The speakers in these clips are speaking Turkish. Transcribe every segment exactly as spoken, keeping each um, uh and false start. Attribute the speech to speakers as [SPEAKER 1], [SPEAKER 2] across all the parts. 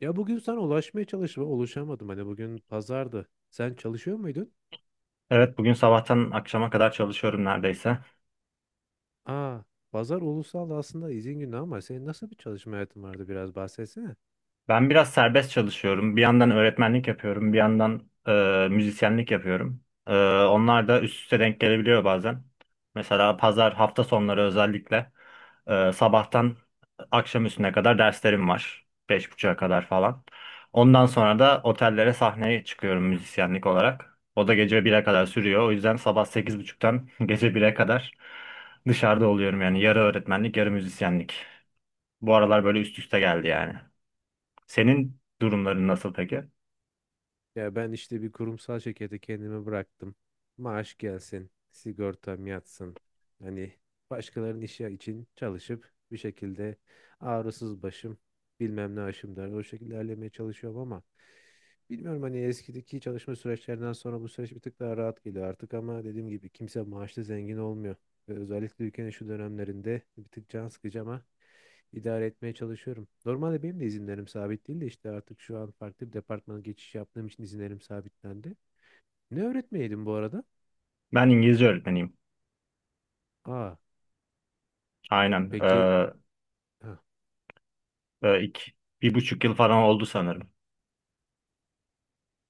[SPEAKER 1] Ya bugün sana ulaşmaya çalıştım ama ulaşamadım. Hani bugün pazardı. Sen çalışıyor muydun?
[SPEAKER 2] Evet, bugün sabahtan akşama kadar çalışıyorum neredeyse.
[SPEAKER 1] Aa, pazar ulusal aslında izin günü ama senin nasıl bir çalışma hayatın vardı biraz bahsetsene.
[SPEAKER 2] Ben biraz serbest çalışıyorum. Bir yandan öğretmenlik yapıyorum, bir yandan e, müzisyenlik yapıyorum. E, onlar da üst üste denk gelebiliyor bazen. Mesela pazar, hafta sonları özellikle e, sabahtan akşam üstüne kadar derslerim var. Beş buçuğa kadar falan. Ondan sonra da otellere sahneye çıkıyorum müzisyenlik olarak. O da gece bire kadar sürüyor. O yüzden sabah sekiz buçuktan gece bire kadar dışarıda oluyorum yani. Yarı öğretmenlik, yarı müzisyenlik. Bu aralar böyle üst üste geldi yani. Senin durumların nasıl peki?
[SPEAKER 1] Ya ben işte bir kurumsal şirkete kendimi bıraktım. Maaş gelsin, sigortam yatsın. Hani başkalarının işi için çalışıp bir şekilde ağrısız başım, bilmem ne aşım der. O şekilde ilerlemeye çalışıyorum ama bilmiyorum hani eskideki çalışma süreçlerinden sonra bu süreç bir tık daha rahat geliyor artık ama dediğim gibi kimse maaşlı zengin olmuyor. Ve özellikle ülkenin şu dönemlerinde bir tık can sıkıcı ama idare etmeye çalışıyorum. Normalde benim de izinlerim sabit değil de işte artık şu an farklı bir departmana geçiş yaptığım için izinlerim sabitlendi. Ne öğretmeyeydin bu arada?
[SPEAKER 2] Ben İngilizce öğretmeniyim.
[SPEAKER 1] Aa,
[SPEAKER 2] Aynen.
[SPEAKER 1] peki
[SPEAKER 2] Ee,
[SPEAKER 1] ha,
[SPEAKER 2] e, ilk bir buçuk yıl falan oldu sanırım.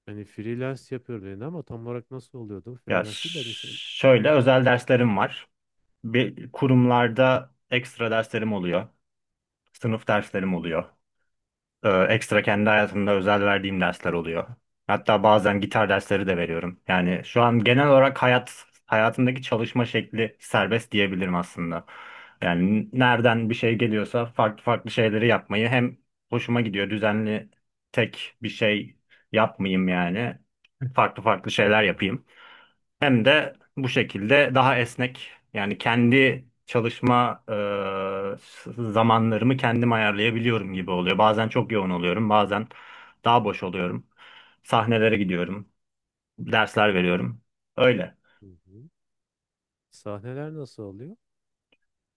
[SPEAKER 1] hani freelance yapıyorum dedin ama tam olarak nasıl oluyordu?
[SPEAKER 2] Ya ş-
[SPEAKER 1] Freelance değil de hani sen...
[SPEAKER 2] Şöyle
[SPEAKER 1] Hı,
[SPEAKER 2] özel derslerim var. Bir kurumlarda ekstra derslerim oluyor. Sınıf derslerim oluyor. Ee, ekstra kendi hayatımda özel verdiğim dersler oluyor. Hatta bazen gitar dersleri de veriyorum. Yani şu an genel olarak hayat hayatımdaki çalışma şekli serbest diyebilirim aslında. Yani nereden bir şey geliyorsa farklı farklı şeyleri yapmayı hem hoşuma gidiyor, düzenli tek bir şey yapmayayım yani. Farklı farklı şeyler yapayım. Hem de bu şekilde daha esnek, yani kendi çalışma e, zamanlarımı kendim ayarlayabiliyorum gibi oluyor. Bazen çok yoğun oluyorum, bazen daha boş oluyorum. Sahnelere gidiyorum, dersler veriyorum. Öyle.
[SPEAKER 1] hı, hı. Sahneler nasıl oluyor?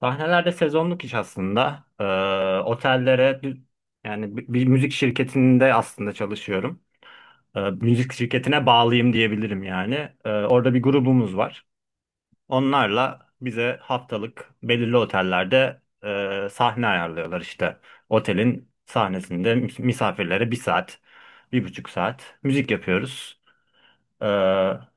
[SPEAKER 2] Sahnelerde sezonluk iş aslında. E, otellere, yani bir bir müzik şirketinde aslında çalışıyorum. E, müzik şirketine bağlıyım diyebilirim yani. E, orada bir grubumuz var. Onlarla bize haftalık belirli otellerde e, sahne ayarlıyorlar işte. Otelin sahnesinde mis- misafirlere bir saat, bir buçuk saat müzik yapıyoruz. E,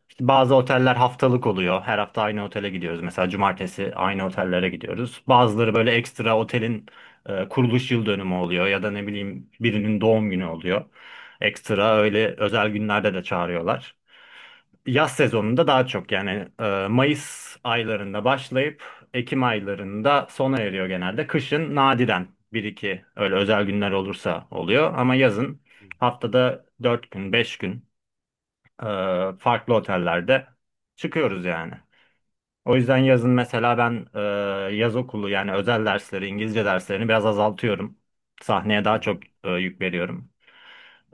[SPEAKER 2] işte bazı oteller haftalık oluyor. Her hafta aynı otele gidiyoruz. Mesela cumartesi aynı otellere gidiyoruz. Bazıları böyle ekstra otelin e, kuruluş yıl dönümü oluyor, ya da ne bileyim birinin doğum günü oluyor. Ekstra öyle özel günlerde de çağırıyorlar. Yaz sezonunda daha çok, yani e, Mayıs aylarında başlayıp Ekim aylarında sona eriyor genelde. Kışın nadiren bir iki öyle özel günler olursa oluyor ama yazın
[SPEAKER 1] Hı,
[SPEAKER 2] haftada dört gün beş gün e, farklı otellerde çıkıyoruz yani. O yüzden yazın mesela ben e, yaz okulu, yani özel dersleri, İngilizce derslerini biraz azaltıyorum. Sahneye
[SPEAKER 1] hı,
[SPEAKER 2] daha
[SPEAKER 1] hı.
[SPEAKER 2] çok e, yük veriyorum.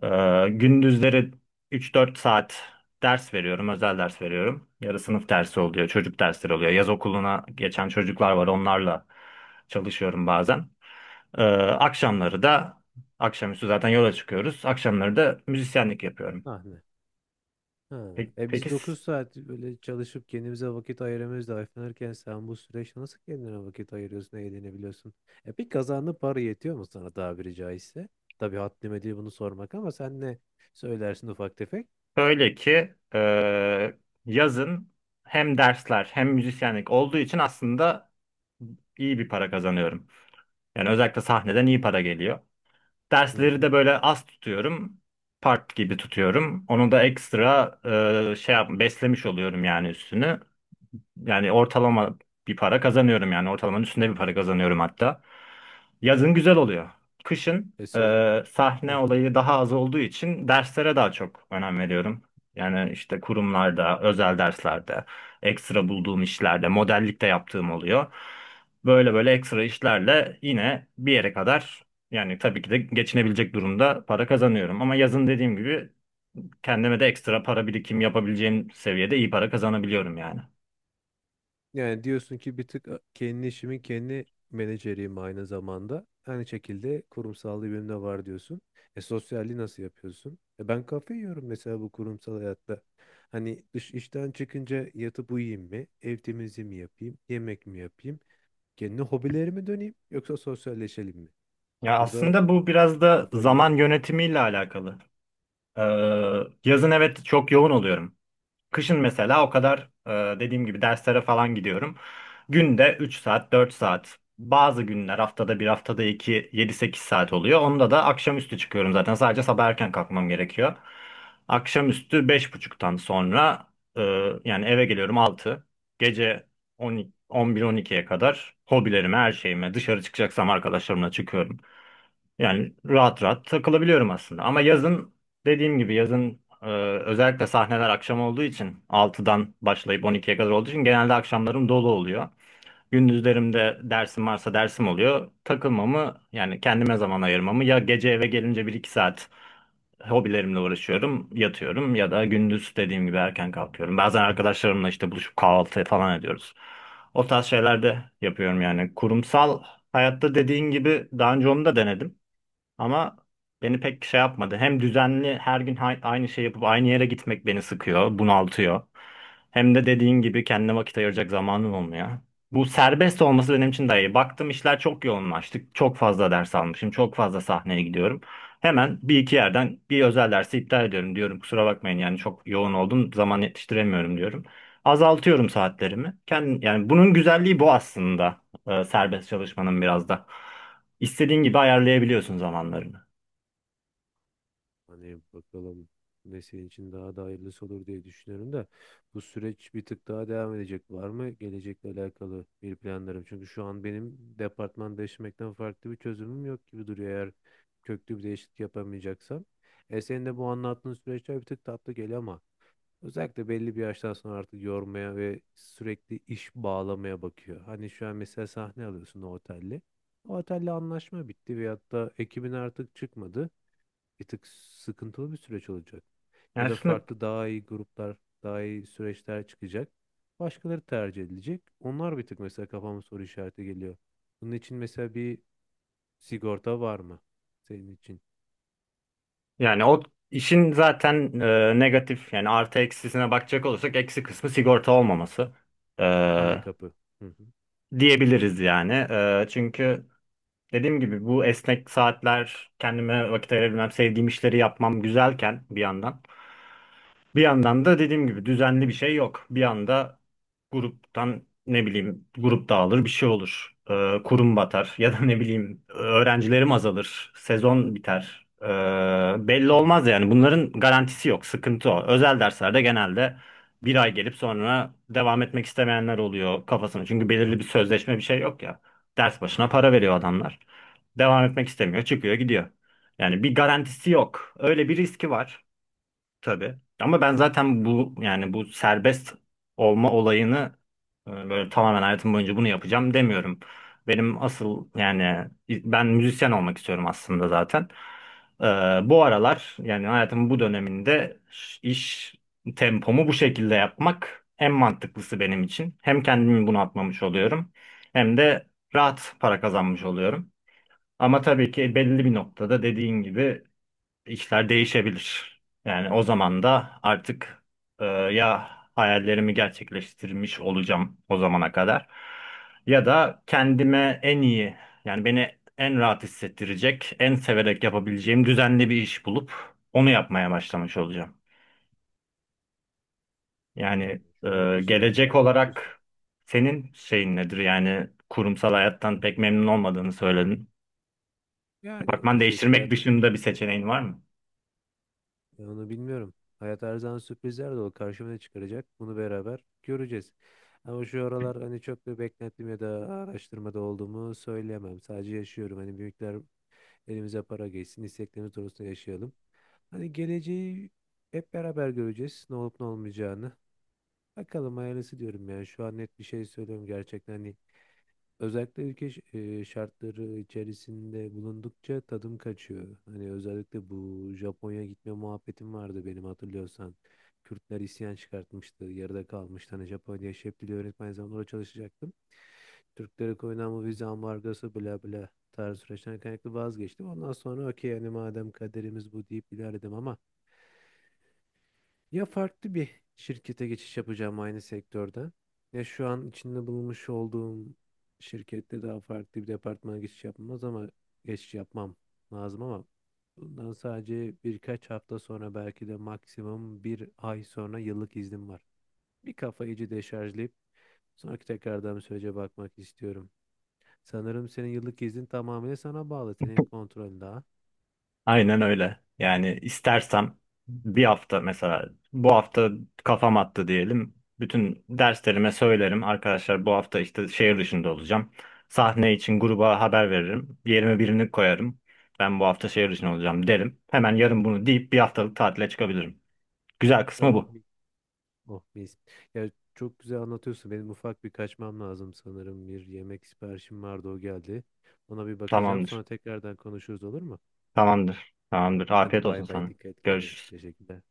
[SPEAKER 2] Ee, gündüzleri üç dört saat ders veriyorum, özel ders veriyorum. Yarı sınıf dersi oluyor, çocuk dersleri oluyor. Yaz okuluna geçen çocuklar var, onlarla çalışıyorum bazen. Ee, akşamları da, akşamüstü zaten yola çıkıyoruz. Akşamları da müzisyenlik yapıyorum.
[SPEAKER 1] Sahne. Ha.
[SPEAKER 2] Peki,
[SPEAKER 1] E
[SPEAKER 2] peki
[SPEAKER 1] biz dokuz saat böyle çalışıp kendimize vakit ayıramıyoruz da ayıflanırken sen bu süreçte nasıl kendine vakit ayırıyorsun, eğlenebiliyorsun? E peki kazandığın para yetiyor mu sana tabiri caizse? Tabii haddime değil bunu sormak ama sen ne söylersin ufak tefek?
[SPEAKER 2] böyle ki e, yazın hem dersler hem müzisyenlik olduğu için aslında iyi bir para kazanıyorum. Yani özellikle sahneden iyi para geliyor.
[SPEAKER 1] Hı
[SPEAKER 2] Dersleri
[SPEAKER 1] hı.
[SPEAKER 2] de böyle az tutuyorum. Part gibi tutuyorum. Onu da ekstra e, şey yap, beslemiş oluyorum yani üstünü. Yani ortalama bir para kazanıyorum, yani ortalamanın üstünde bir para kazanıyorum hatta. Yazın güzel oluyor. Kışın
[SPEAKER 1] E, sos-
[SPEAKER 2] e, sahne olayı daha az olduğu için derslere daha çok önem veriyorum. Yani işte kurumlarda, özel derslerde, ekstra bulduğum işlerde, modellik de yaptığım oluyor. Böyle böyle ekstra işlerle yine bir yere kadar, yani tabii ki de geçinebilecek durumda para kazanıyorum. Ama yazın dediğim gibi kendime de ekstra para birikim yapabileceğim seviyede iyi para kazanabiliyorum yani.
[SPEAKER 1] Yani diyorsun ki bir tık kendi işimin kendi menajeriyim aynı zamanda. Aynı şekilde kurumsallığı benim de var diyorsun. E sosyalliği nasıl yapıyorsun? E ben kafe yiyorum mesela bu kurumsal hayatta. Hani dış işten çıkınca yatıp uyuyayım mı? Ev temizliği mi yapayım? Yemek mi yapayım? Kendi hobilerime döneyim yoksa sosyalleşelim mi?
[SPEAKER 2] Ya
[SPEAKER 1] Burada
[SPEAKER 2] aslında bu biraz da
[SPEAKER 1] kafa yiyorum.
[SPEAKER 2] zaman yönetimiyle alakalı. Ee, Yazın evet çok yoğun oluyorum. Kışın mesela o kadar e, dediğim gibi derslere falan gidiyorum. Günde üç saat, dört saat. Bazı günler haftada bir, haftada iki, yedi sekiz saat oluyor. Onda da akşamüstü çıkıyorum zaten. Sadece sabah erken kalkmam gerekiyor. Akşamüstü beş buçuktan sonra e, yani eve geliyorum altı. Gece on, on bir, on ikiye kadar hobilerime, her şeyime, dışarı çıkacaksam arkadaşlarımla çıkıyorum. Yani rahat rahat takılabiliyorum aslında. Ama yazın dediğim gibi yazın e, özellikle sahneler akşam olduğu için altıdan başlayıp on ikiye kadar olduğu için genelde akşamlarım dolu oluyor. Gündüzlerimde dersim varsa dersim oluyor. Takılmamı, yani kendime zaman ayırmamı ya gece eve gelince bir iki saat hobilerimle uğraşıyorum, yatıyorum, ya da gündüz dediğim gibi erken kalkıyorum. Bazen arkadaşlarımla işte buluşup kahvaltı falan ediyoruz. O tarz şeyler de yapıyorum yani. Kurumsal hayatta dediğin gibi daha önce onu da denedim. Ama beni pek şey yapmadı. Hem düzenli her gün hay- aynı şey yapıp aynı yere gitmek beni sıkıyor, bunaltıyor. Hem de dediğin gibi kendine vakit ayıracak zamanım olmuyor. Bu serbest olması benim için daha iyi. Baktım işler çok yoğunlaştı. Çok fazla ders almışım. Çok fazla sahneye gidiyorum. Hemen bir iki yerden bir özel dersi iptal ediyorum diyorum. Kusura bakmayın, yani çok yoğun oldum, zaman yetiştiremiyorum diyorum. Azaltıyorum saatlerimi. Kendim, yani bunun güzelliği bu aslında. E, serbest çalışmanın biraz da. İstediğin gibi ayarlayabiliyorsun zamanlarını.
[SPEAKER 1] Hani bakalım ne senin için daha da hayırlısı olur diye düşünüyorum da bu süreç bir tık daha devam edecek var mı? Gelecekle alakalı bir planlarım. Çünkü şu an benim departman değiştirmekten farklı bir çözümüm yok gibi duruyor eğer köklü bir değişiklik yapamayacaksam. E senin de bu anlattığın süreçler bir tık tatlı geliyor ama özellikle belli bir yaştan sonra artık yormaya ve sürekli iş bağlamaya bakıyor. Hani şu an mesela sahne alıyorsun o otelle. O otelle anlaşma bitti veyahut da ekibin artık çıkmadı bir tık sıkıntılı bir süreç olacak.
[SPEAKER 2] Yani
[SPEAKER 1] Ya da
[SPEAKER 2] aslında
[SPEAKER 1] farklı daha iyi gruplar, daha iyi süreçler çıkacak. Başkaları tercih edilecek. Onlar bir tık mesela kafama soru işareti geliyor. Bunun için mesela bir sigorta var mı? Senin için
[SPEAKER 2] yani o işin zaten e, negatif, yani artı eksisine bakacak olursak eksi kısmı sigorta olmaması e,
[SPEAKER 1] handikapı. Hı hı.
[SPEAKER 2] diyebiliriz yani. E, çünkü dediğim gibi bu esnek saatler, kendime vakit ayırabilmem, sevdiğim işleri yapmam güzelken bir yandan. Bir yandan da dediğim gibi düzenli bir şey yok. Bir anda gruptan, ne bileyim, grup dağılır, bir şey olur. Ee, kurum batar ya da ne bileyim öğrencilerim azalır, sezon biter. Ee, belli
[SPEAKER 1] Hı hı.
[SPEAKER 2] olmaz yani, bunların garantisi yok. Sıkıntı o. Özel derslerde genelde bir ay gelip sonra devam etmek istemeyenler oluyor kafasına. Çünkü belirli bir sözleşme bir şey yok ya. Ders başına
[SPEAKER 1] Hı
[SPEAKER 2] para
[SPEAKER 1] hı.
[SPEAKER 2] veriyor adamlar. Devam etmek istemiyor, çıkıyor, gidiyor. Yani bir garantisi yok. Öyle bir riski var. Tabii. Ama ben zaten bu yani bu serbest olma olayını e, böyle tamamen hayatım boyunca bunu yapacağım demiyorum. Benim asıl, yani ben müzisyen olmak istiyorum aslında zaten. Ee, Bu aralar, yani hayatımın bu döneminde ş- iş tempomu bu şekilde yapmak en mantıklısı benim için. Hem kendimi bunaltmamış oluyorum hem de rahat para kazanmış oluyorum. Ama tabii ki belli bir noktada dediğin gibi işler değişebilir. Yani o zaman da artık e, ya hayallerimi gerçekleştirmiş olacağım o zamana kadar, ya da kendime en iyi, yani beni en rahat hissettirecek, en severek yapabileceğim düzenli bir iş bulup onu yapmaya başlamış olacağım. Yani
[SPEAKER 1] Şu
[SPEAKER 2] e,
[SPEAKER 1] anki süreçte
[SPEAKER 2] gelecek
[SPEAKER 1] mutlusun.
[SPEAKER 2] olarak senin şeyin nedir? Yani kurumsal hayattan pek memnun olmadığını söyledin.
[SPEAKER 1] Yani
[SPEAKER 2] Departman
[SPEAKER 1] bir şekilde
[SPEAKER 2] değiştirmek
[SPEAKER 1] hayatta.
[SPEAKER 2] dışında bir seçeneğin var mı?
[SPEAKER 1] Ya onu bilmiyorum. Hayat her zaman sürprizler dolu. Karşıma ne çıkaracak? Bunu beraber göreceğiz. Ama şu aralar hani çok bir beklentim ya da araştırmada olduğumu söyleyemem. Sadece yaşıyorum. Hani büyükler elimize para geçsin, isteklerimiz doğrultusunda yaşayalım. Hani geleceği hep beraber göreceğiz. Ne olup ne olmayacağını. Bakalım hayırlısı diyorum yani. Şu an net bir şey söylüyorum gerçekten. Hani özellikle ülke ş- e, şartları içerisinde bulundukça tadım kaçıyor. Hani özellikle bu Japonya gitme muhabbetim vardı benim hatırlıyorsan. Kürtler isyan çıkartmıştı, yarıda kalmıştı. Hani Japonya şef dili öğretmen zaman orada çalışacaktım. Türklere koyulan bu vize ambargosu bla bla tarzı süreçten kaynaklı vazgeçtim. Ondan sonra okey hani madem kaderimiz bu deyip ilerledim ama ya farklı bir şirkete geçiş yapacağım aynı sektörden. Ya şu an içinde bulunmuş olduğum şirkette daha farklı bir departmana geçiş yapmaz ama geçiş yapmam lazım ama bundan sadece birkaç hafta sonra belki de maksimum bir ay sonra yıllık iznim var. Bir kafayı iyice deşarjlayıp sonraki tekrardan bir sürece bakmak istiyorum. Sanırım senin yıllık iznin tamamıyla sana bağlı. Senin kontrolün daha.
[SPEAKER 2] Aynen öyle. Yani istersem bir hafta, mesela bu hafta kafam attı diyelim. Bütün derslerime söylerim. Arkadaşlar, bu hafta işte şehir dışında olacağım. Sahne için gruba haber veririm. Yerime birini koyarım. Ben bu hafta şehir dışında olacağım derim. Hemen yarın bunu deyip bir haftalık tatile çıkabilirim. Güzel kısmı
[SPEAKER 1] Oh.
[SPEAKER 2] bu.
[SPEAKER 1] Oh mis. Ya çok güzel anlatıyorsun. Benim ufak bir kaçmam lazım sanırım. Bir yemek siparişim vardı o geldi. Ona bir bakacağım.
[SPEAKER 2] Tamamdır.
[SPEAKER 1] Sonra tekrardan konuşuruz olur mu?
[SPEAKER 2] Tamamdır. Tamamdır.
[SPEAKER 1] Hadi
[SPEAKER 2] Afiyet
[SPEAKER 1] bay
[SPEAKER 2] olsun
[SPEAKER 1] bay
[SPEAKER 2] sana.
[SPEAKER 1] dikkat et kendine.
[SPEAKER 2] Görüşürüz.
[SPEAKER 1] Teşekkürler.